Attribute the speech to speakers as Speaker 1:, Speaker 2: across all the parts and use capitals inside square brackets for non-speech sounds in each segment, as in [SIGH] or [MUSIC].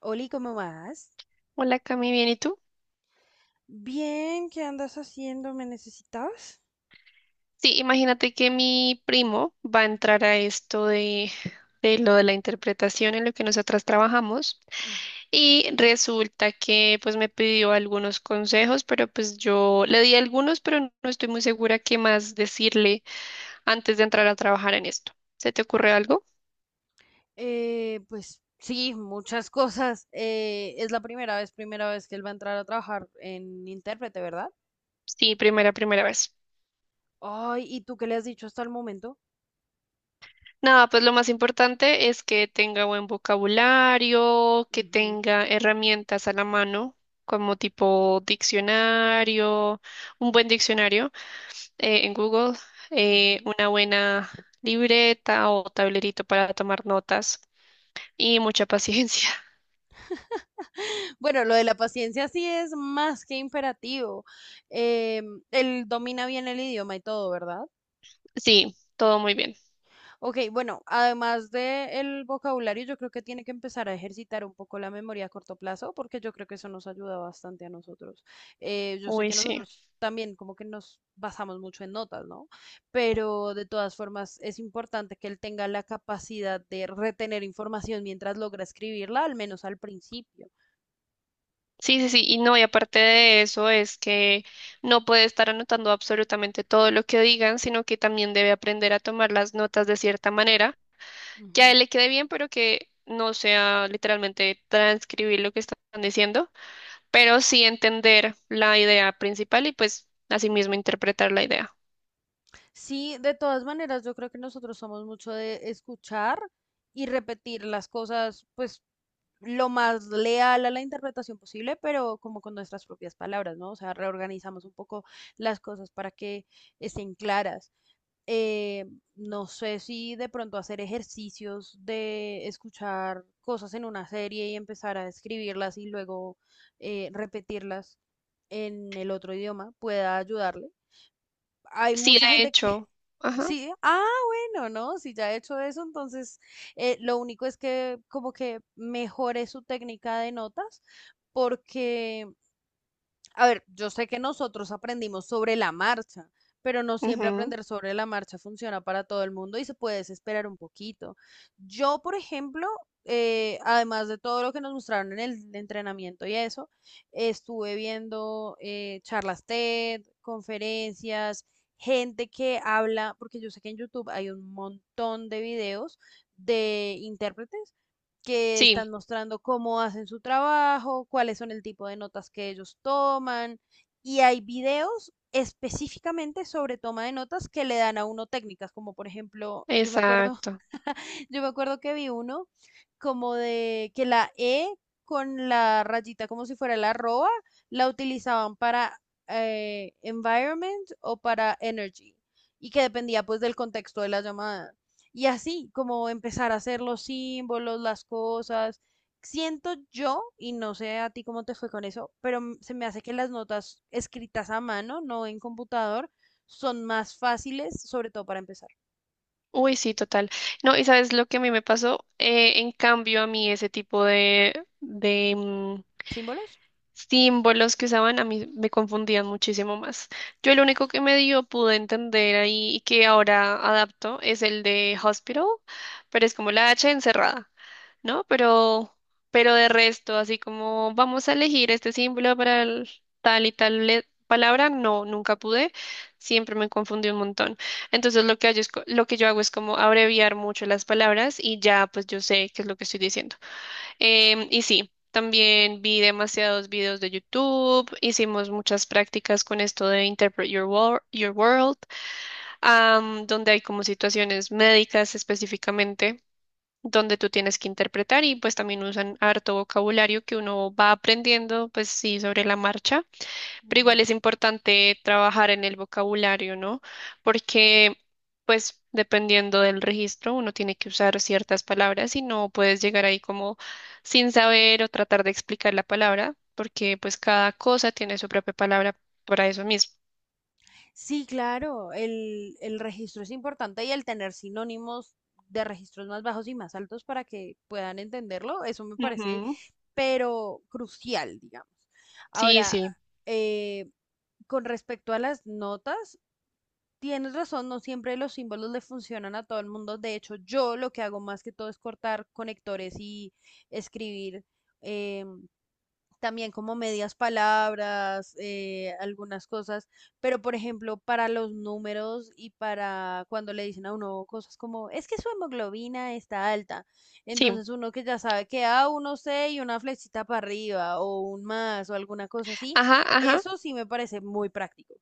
Speaker 1: Oli, ¿cómo vas?
Speaker 2: Hola Cami, ¿bien y tú?
Speaker 1: Bien, ¿qué andas haciendo? ¿Me necesitabas?
Speaker 2: Sí, imagínate que mi primo va a entrar a esto de lo de la interpretación en lo que nosotras trabajamos
Speaker 1: Ujú.
Speaker 2: y resulta que pues me pidió algunos consejos, pero pues yo le di algunos, pero no estoy muy segura qué más decirle antes de entrar a trabajar en esto. ¿Se te ocurre algo?
Speaker 1: Pues sí, muchas cosas. Es la primera vez que él va a entrar a trabajar en intérprete, ¿verdad?
Speaker 2: Sí, primera vez.
Speaker 1: Ay, ¿y tú qué le has dicho hasta el momento?
Speaker 2: Nada, pues lo más importante es que tenga buen vocabulario, que
Speaker 1: Ujú,
Speaker 2: tenga herramientas a la mano, como tipo diccionario, un buen diccionario en Google,
Speaker 1: ujú.
Speaker 2: una buena libreta o tablerito para tomar notas y mucha paciencia. [LAUGHS]
Speaker 1: Bueno, lo de la paciencia sí es más que imperativo. Él domina bien el idioma y todo, ¿verdad?
Speaker 2: Sí, todo muy bien.
Speaker 1: Ok, bueno, además del vocabulario, yo creo que tiene que empezar a ejercitar un poco la memoria a corto plazo, porque yo creo que eso nos ayuda bastante a nosotros. Yo sé
Speaker 2: Uy,
Speaker 1: que
Speaker 2: sí.
Speaker 1: nosotros también como que nos basamos mucho en notas, ¿no? Pero de todas formas es importante que él tenga la capacidad de retener información mientras logra escribirla, al menos al principio.
Speaker 2: Sí, sí, sí. Y no, y aparte de eso es que no puede estar anotando absolutamente todo lo que digan, sino que también debe aprender a tomar las notas de cierta manera que a él
Speaker 1: Ujú.
Speaker 2: le quede bien, pero que no sea literalmente transcribir lo que están diciendo, pero sí entender la idea principal y pues asimismo interpretar la idea.
Speaker 1: Sí, de todas maneras, yo creo que nosotros somos mucho de escuchar y repetir las cosas, pues lo más leal a la interpretación posible, pero como con nuestras propias palabras, ¿no? O sea, reorganizamos un poco las cosas para que estén claras. Eh, no sé si de pronto hacer ejercicios de escuchar cosas en una serie y empezar a escribirlas y luego repetirlas en el otro idioma pueda ayudarle. Hay
Speaker 2: Sí,
Speaker 1: mucha
Speaker 2: de
Speaker 1: gente que
Speaker 2: hecho. Ajá.
Speaker 1: sí, ah, bueno, no, si ya he hecho eso, entonces lo único es que como que mejore su técnica de notas, porque a ver, yo sé que nosotros aprendimos sobre la marcha, pero no siempre
Speaker 2: Ujú,
Speaker 1: aprender sobre la marcha funciona para todo el mundo y se puede desesperar un poquito. Yo, por ejemplo, además de todo lo que nos mostraron en el entrenamiento y eso, estuve viendo charlas TED, conferencias, gente que habla, porque yo sé que en YouTube hay un montón de videos de intérpretes que
Speaker 2: sí,
Speaker 1: están mostrando cómo hacen su trabajo, cuáles son el tipo de notas que ellos toman y hay videos específicamente sobre toma de notas que le dan a uno técnicas, como por ejemplo, yo me acuerdo.
Speaker 2: exacto.
Speaker 1: [LAUGHS] Yo me acuerdo que vi uno como de que la E con la rayita como si fuera la arroba la utilizaban para environment o para energy y que dependía pues del contexto de la llamada. Y así como empezar a hacer los símbolos, las cosas. Siento yo, y no sé a ti cómo te fue con eso, pero se me hace que las notas escritas a mano, no en computador, son más fáciles, sobre todo para empezar.
Speaker 2: Uy, sí, total. No, y sabes lo que a mí me pasó. En cambio a mí ese tipo de
Speaker 1: ¿Símbolos?
Speaker 2: símbolos que usaban, a mí me confundían muchísimo más. Yo el único que medio pude entender ahí y que ahora adapto es el de hospital, pero es como la H encerrada, ¿no? Pero de resto, así como vamos a elegir este símbolo para el tal y tal le- palabra, no, nunca pude, siempre me confundí un montón. Entonces lo que yo hago es como abreviar mucho las palabras y ya pues yo sé qué es lo que estoy diciendo. Y sí, también vi demasiados videos de YouTube, hicimos muchas prácticas con esto de Your World, donde hay como situaciones médicas específicamente, donde tú tienes que interpretar y pues también usan harto vocabulario que uno va aprendiendo, pues sí, sobre la marcha. Pero igual es importante trabajar en el vocabulario, ¿no? Porque, pues, dependiendo del registro, uno tiene que usar ciertas palabras y no puedes llegar ahí como sin saber o tratar de explicar la palabra, porque pues cada cosa tiene su propia palabra para eso mismo.
Speaker 1: Sí, claro, el registro es importante y el tener sinónimos de registros más bajos y más altos para que puedan entenderlo, eso me parece,
Speaker 2: Ujú.
Speaker 1: pero crucial, digamos.
Speaker 2: Sí,
Speaker 1: Ahora,
Speaker 2: sí,
Speaker 1: eh, con respecto a las notas, tienes razón, no siempre los símbolos le funcionan a todo el mundo. De hecho, yo lo que hago más que todo es cortar conectores y escribir. eh, También como medias palabras, algunas cosas, pero por ejemplo, para los números y para cuando le dicen a uno cosas como, es que su hemoglobina está alta,
Speaker 2: sí.
Speaker 1: entonces uno que ya sabe que a uno C y una flechita para arriba o un más o alguna cosa así,
Speaker 2: Ajá, ajá.
Speaker 1: eso sí me parece muy práctico.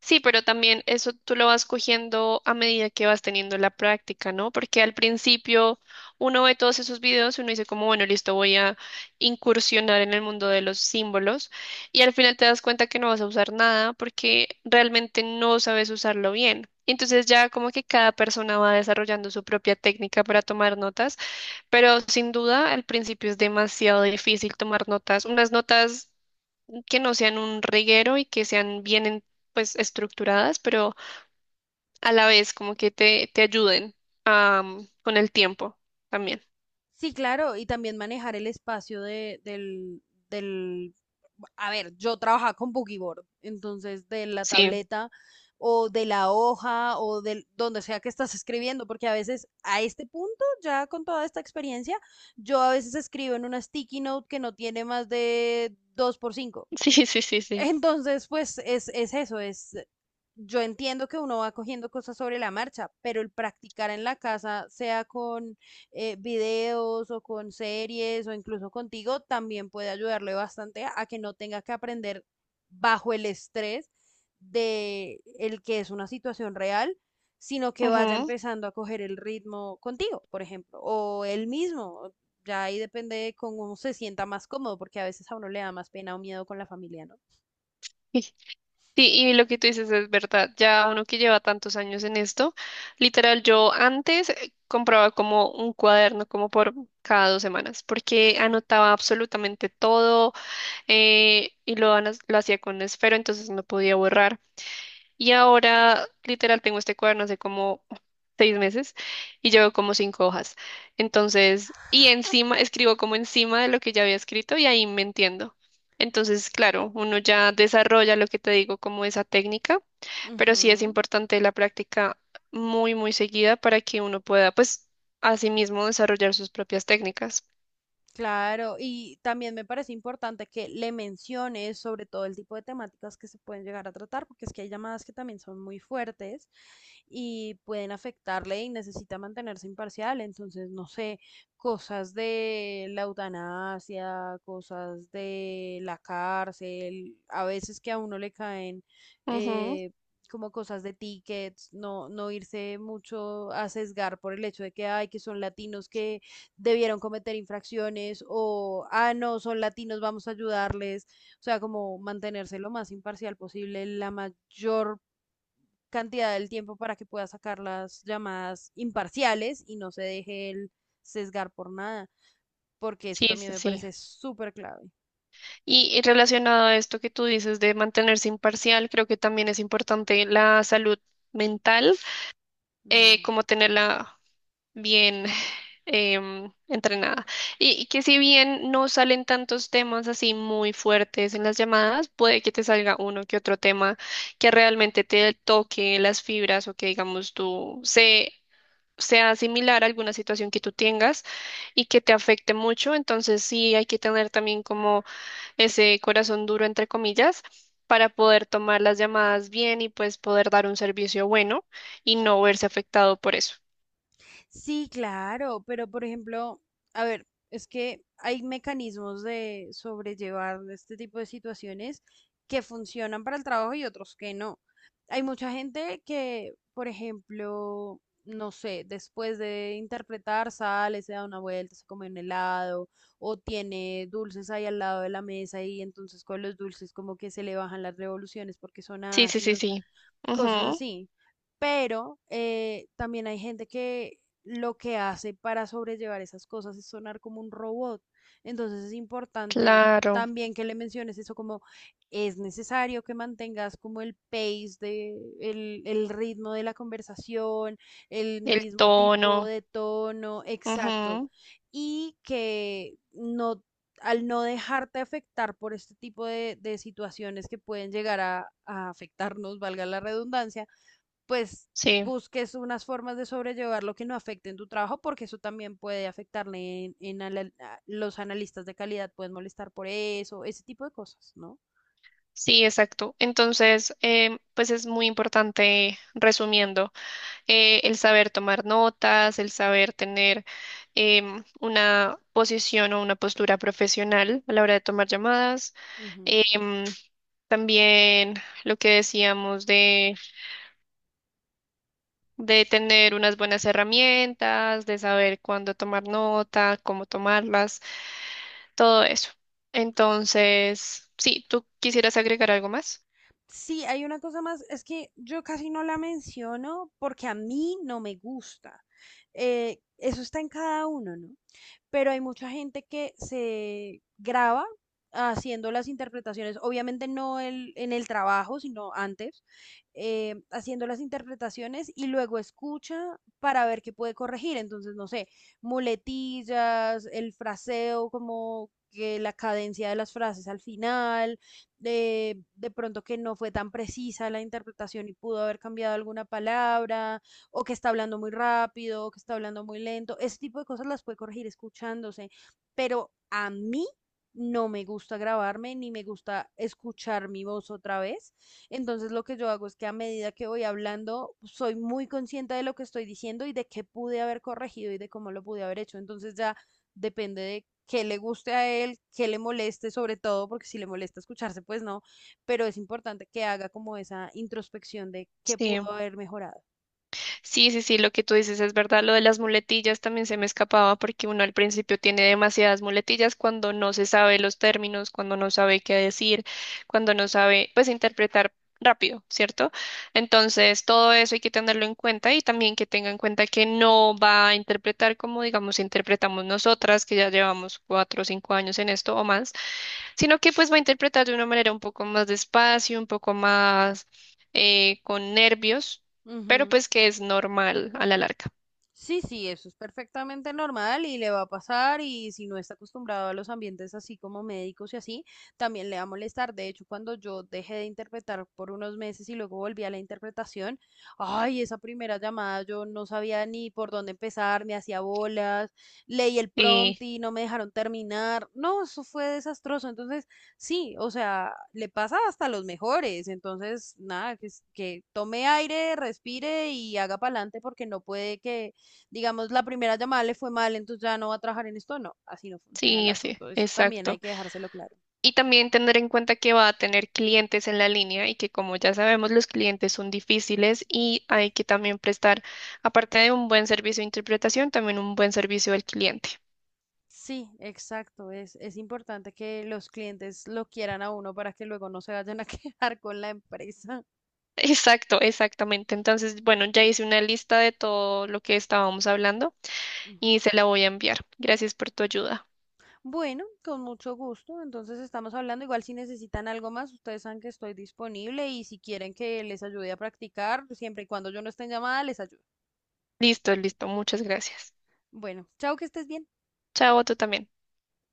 Speaker 2: Sí, pero también eso tú lo vas cogiendo a medida que vas teniendo la práctica, ¿no? Porque al principio uno ve todos esos videos y uno dice como, bueno, listo, voy a incursionar en el mundo de los símbolos y al final te das cuenta que no vas a usar nada porque realmente no sabes usarlo bien. Entonces ya como que cada persona va desarrollando su propia técnica para tomar notas, pero sin duda al principio es demasiado difícil tomar notas, unas notas que no sean un reguero y que sean pues estructuradas, pero a la vez como que te ayuden con el tiempo también.
Speaker 1: Sí, claro, y también manejar el espacio del, a ver, yo trabajaba con Boogie Board, entonces de la
Speaker 2: Sí,
Speaker 1: tableta o de la hoja o del donde sea que estás escribiendo, porque a veces a este punto, ya con toda esta experiencia, yo a veces escribo en una sticky note que no tiene más de 2 por 5.
Speaker 2: [LAUGHS] sí, sí, sí, sí.
Speaker 1: Entonces, pues es eso, yo entiendo que uno va cogiendo cosas sobre la marcha, pero el practicar en la casa, sea con videos o con series o incluso contigo, también puede ayudarle bastante a que no tenga que aprender bajo el estrés de el que es una situación real, sino que vaya
Speaker 2: Ujú.
Speaker 1: empezando a coger el ritmo contigo, por ejemplo, o él mismo. Ya ahí depende de cómo uno se sienta más cómodo, porque a veces a uno le da más pena o miedo con la familia, ¿no?
Speaker 2: Y- Sí, y lo que tú dices es verdad. Ya uno que lleva tantos años en esto, literal, yo antes compraba como un cuaderno como por cada 2 semanas, porque anotaba absolutamente todo lo hacía con esfero, entonces no podía borrar. Y ahora, literal, tengo este cuaderno hace como 6 meses y llevo como 5 hojas. Entonces, y encima, escribo como encima de lo que ya había escrito y ahí me entiendo. Entonces, claro, uno ya desarrolla lo que te digo como esa técnica, pero sí es
Speaker 1: Ujú,
Speaker 2: importante la práctica muy seguida para que uno pueda, pues, asimismo desarrollar sus propias técnicas.
Speaker 1: claro, y también me parece importante que le menciones sobre todo el tipo de temáticas que se pueden llegar a tratar, porque es que hay llamadas que también son muy fuertes y pueden afectarle y necesita mantenerse imparcial. Entonces, no sé, cosas de la eutanasia, cosas de la cárcel, a veces que a uno le caen
Speaker 2: Ujú.
Speaker 1: eh, como cosas de tickets, no, no irse mucho a sesgar por el hecho de que, ay, que son latinos que debieron cometer infracciones o, ah, no, son latinos, vamos a ayudarles. O sea, como mantenerse lo más imparcial posible la mayor cantidad del tiempo para que pueda sacar las llamadas imparciales y no se deje el sesgar por nada, porque eso
Speaker 2: Sí,
Speaker 1: también
Speaker 2: sí,
Speaker 1: me
Speaker 2: sí.
Speaker 1: parece súper clave.
Speaker 2: Y relacionado a esto que tú dices de mantenerse imparcial, creo que también es importante la salud mental,
Speaker 1: Mm.
Speaker 2: como tenerla bien entrenada. Y que si bien no salen tantos temas así muy fuertes en las llamadas, puede que te salga uno que otro tema que realmente te toque las fibras o que digamos sea similar a alguna situación que tú tengas y que te afecte mucho, entonces sí hay que tener también como ese corazón duro, entre comillas, para poder tomar las llamadas bien y pues poder dar un servicio bueno y no verse afectado por eso.
Speaker 1: Sí, claro, pero por ejemplo, a ver, es que hay mecanismos de sobrellevar este tipo de situaciones que funcionan para el trabajo y otros que no. Hay mucha gente que, por ejemplo, no sé, después de interpretar, sale, se da una vuelta, se come un helado o tiene dulces ahí al lado de la mesa y entonces con los dulces como que se le bajan las revoluciones porque son
Speaker 2: Sí, sí, sí,
Speaker 1: ácidos,
Speaker 2: sí.
Speaker 1: cosas
Speaker 2: Ujú,
Speaker 1: así. Pero también hay gente que lo que hace para sobrellevar esas cosas es sonar como un robot. Entonces es importante
Speaker 2: claro,
Speaker 1: también que le menciones eso como es necesario que mantengas como el pace el ritmo de la conversación, el
Speaker 2: el
Speaker 1: mismo tipo
Speaker 2: tono.
Speaker 1: de tono, exacto,
Speaker 2: Ujú,
Speaker 1: y que no al no dejarte afectar por este tipo de situaciones que pueden llegar a afectarnos, valga la redundancia, pues
Speaker 2: sí,
Speaker 1: busques unas formas de sobrellevar lo que no afecte en tu trabajo, porque eso también puede afectarle en los analistas de calidad, pueden molestar por eso, ese tipo de cosas, ¿no?
Speaker 2: sí, exacto. Entonces, pues es muy importante, resumiendo, el saber tomar notas, el saber tener una posición o una postura profesional a la hora de tomar llamadas.
Speaker 1: Ujú.
Speaker 2: em, También lo que decíamos de tener unas buenas herramientas, de saber cuándo tomar nota, cómo tomarlas, todo eso. Entonces, sí, ¿tú quisieras agregar algo más?
Speaker 1: Sí, hay una cosa más, es que yo casi no la menciono porque a mí no me gusta. Eso está en cada uno, ¿no? Pero hay mucha gente que se graba haciendo las interpretaciones, obviamente no el- en el trabajo, sino antes, haciendo las interpretaciones y luego escucha para ver qué puede corregir. Entonces, no sé, muletillas, el fraseo, como que la cadencia de las frases al final de pronto que no fue tan precisa la interpretación y pudo haber cambiado alguna palabra, o que está hablando muy rápido, o que está hablando muy lento. Ese tipo de cosas las puede corregir escuchándose, pero a mí no me gusta grabarme ni me gusta escuchar mi voz otra vez. Entonces lo que yo hago es que a medida que voy hablando, soy muy consciente de lo que estoy diciendo y de qué pude haber corregido y de cómo lo pude haber hecho. Entonces ya depende de qué le guste a él, qué le moleste sobre todo, porque si le molesta escucharse, pues no, pero es importante que haga como esa introspección de qué pudo
Speaker 2: Sí.
Speaker 1: haber mejorado.
Speaker 2: Sí, sí, sí, lo que tú dices es verdad. Lo de las muletillas también se me escapaba porque uno al principio tiene demasiadas muletillas cuando no se sabe los términos, cuando no sabe qué decir, cuando no sabe, pues, interpretar rápido, ¿cierto? Entonces, todo eso hay que tenerlo en cuenta y también que tenga en cuenta que no va a interpretar como, digamos, interpretamos nosotras, que ya llevamos 4 o 5 años en esto o más, sino que pues va a interpretar de una manera un poco más despacio, un poco más con nervios, pero
Speaker 1: Ujú.
Speaker 2: pues que es normal a la larga.
Speaker 1: Sí, sí, eso es perfectamente normal y le va a pasar y si no está acostumbrado a los ambientes así como médicos y así, también le va a molestar. De hecho, cuando yo dejé de interpretar por unos meses y luego volví a la interpretación, ay, esa primera llamada yo no sabía ni por dónde empezar, me hacía bolas, leí el
Speaker 2: Y
Speaker 1: prompt y no me dejaron terminar. No, eso fue desastroso. Entonces, sí, o sea, le pasa hasta a los mejores. Entonces, nada, que tome aire, respire y haga para adelante porque no puede que digamos, la primera llamada le fue mal, entonces ya no va a trabajar en esto. No, así no funciona el
Speaker 2: sí, sí,
Speaker 1: asunto. Eso también hay
Speaker 2: exacto.
Speaker 1: que dejárselo claro.
Speaker 2: Y también tener en cuenta que va a tener clientes en la línea y que como ya sabemos los clientes son difíciles y hay que también prestar, aparte de un buen servicio de interpretación, también un buen servicio al cliente.
Speaker 1: Sí, exacto. Es importante que los clientes lo quieran a uno para que luego no se vayan a [LAUGHS] quejar con la empresa.
Speaker 2: [LAUGHS] Exacto, exactamente. Entonces, bueno, ya hice una lista de todo lo que estábamos hablando
Speaker 1: Ujú.
Speaker 2: y se la voy a enviar. Gracias por tu ayuda.
Speaker 1: Bueno, con mucho gusto. Entonces estamos hablando. Igual si necesitan algo más, ustedes saben que estoy disponible y si quieren que les ayude a practicar, siempre y cuando yo no esté en llamada, les ayudo.
Speaker 2: Listo, listo. Muchas gracias.
Speaker 1: Bueno, chao, que estés bien.
Speaker 2: Chao, tú también.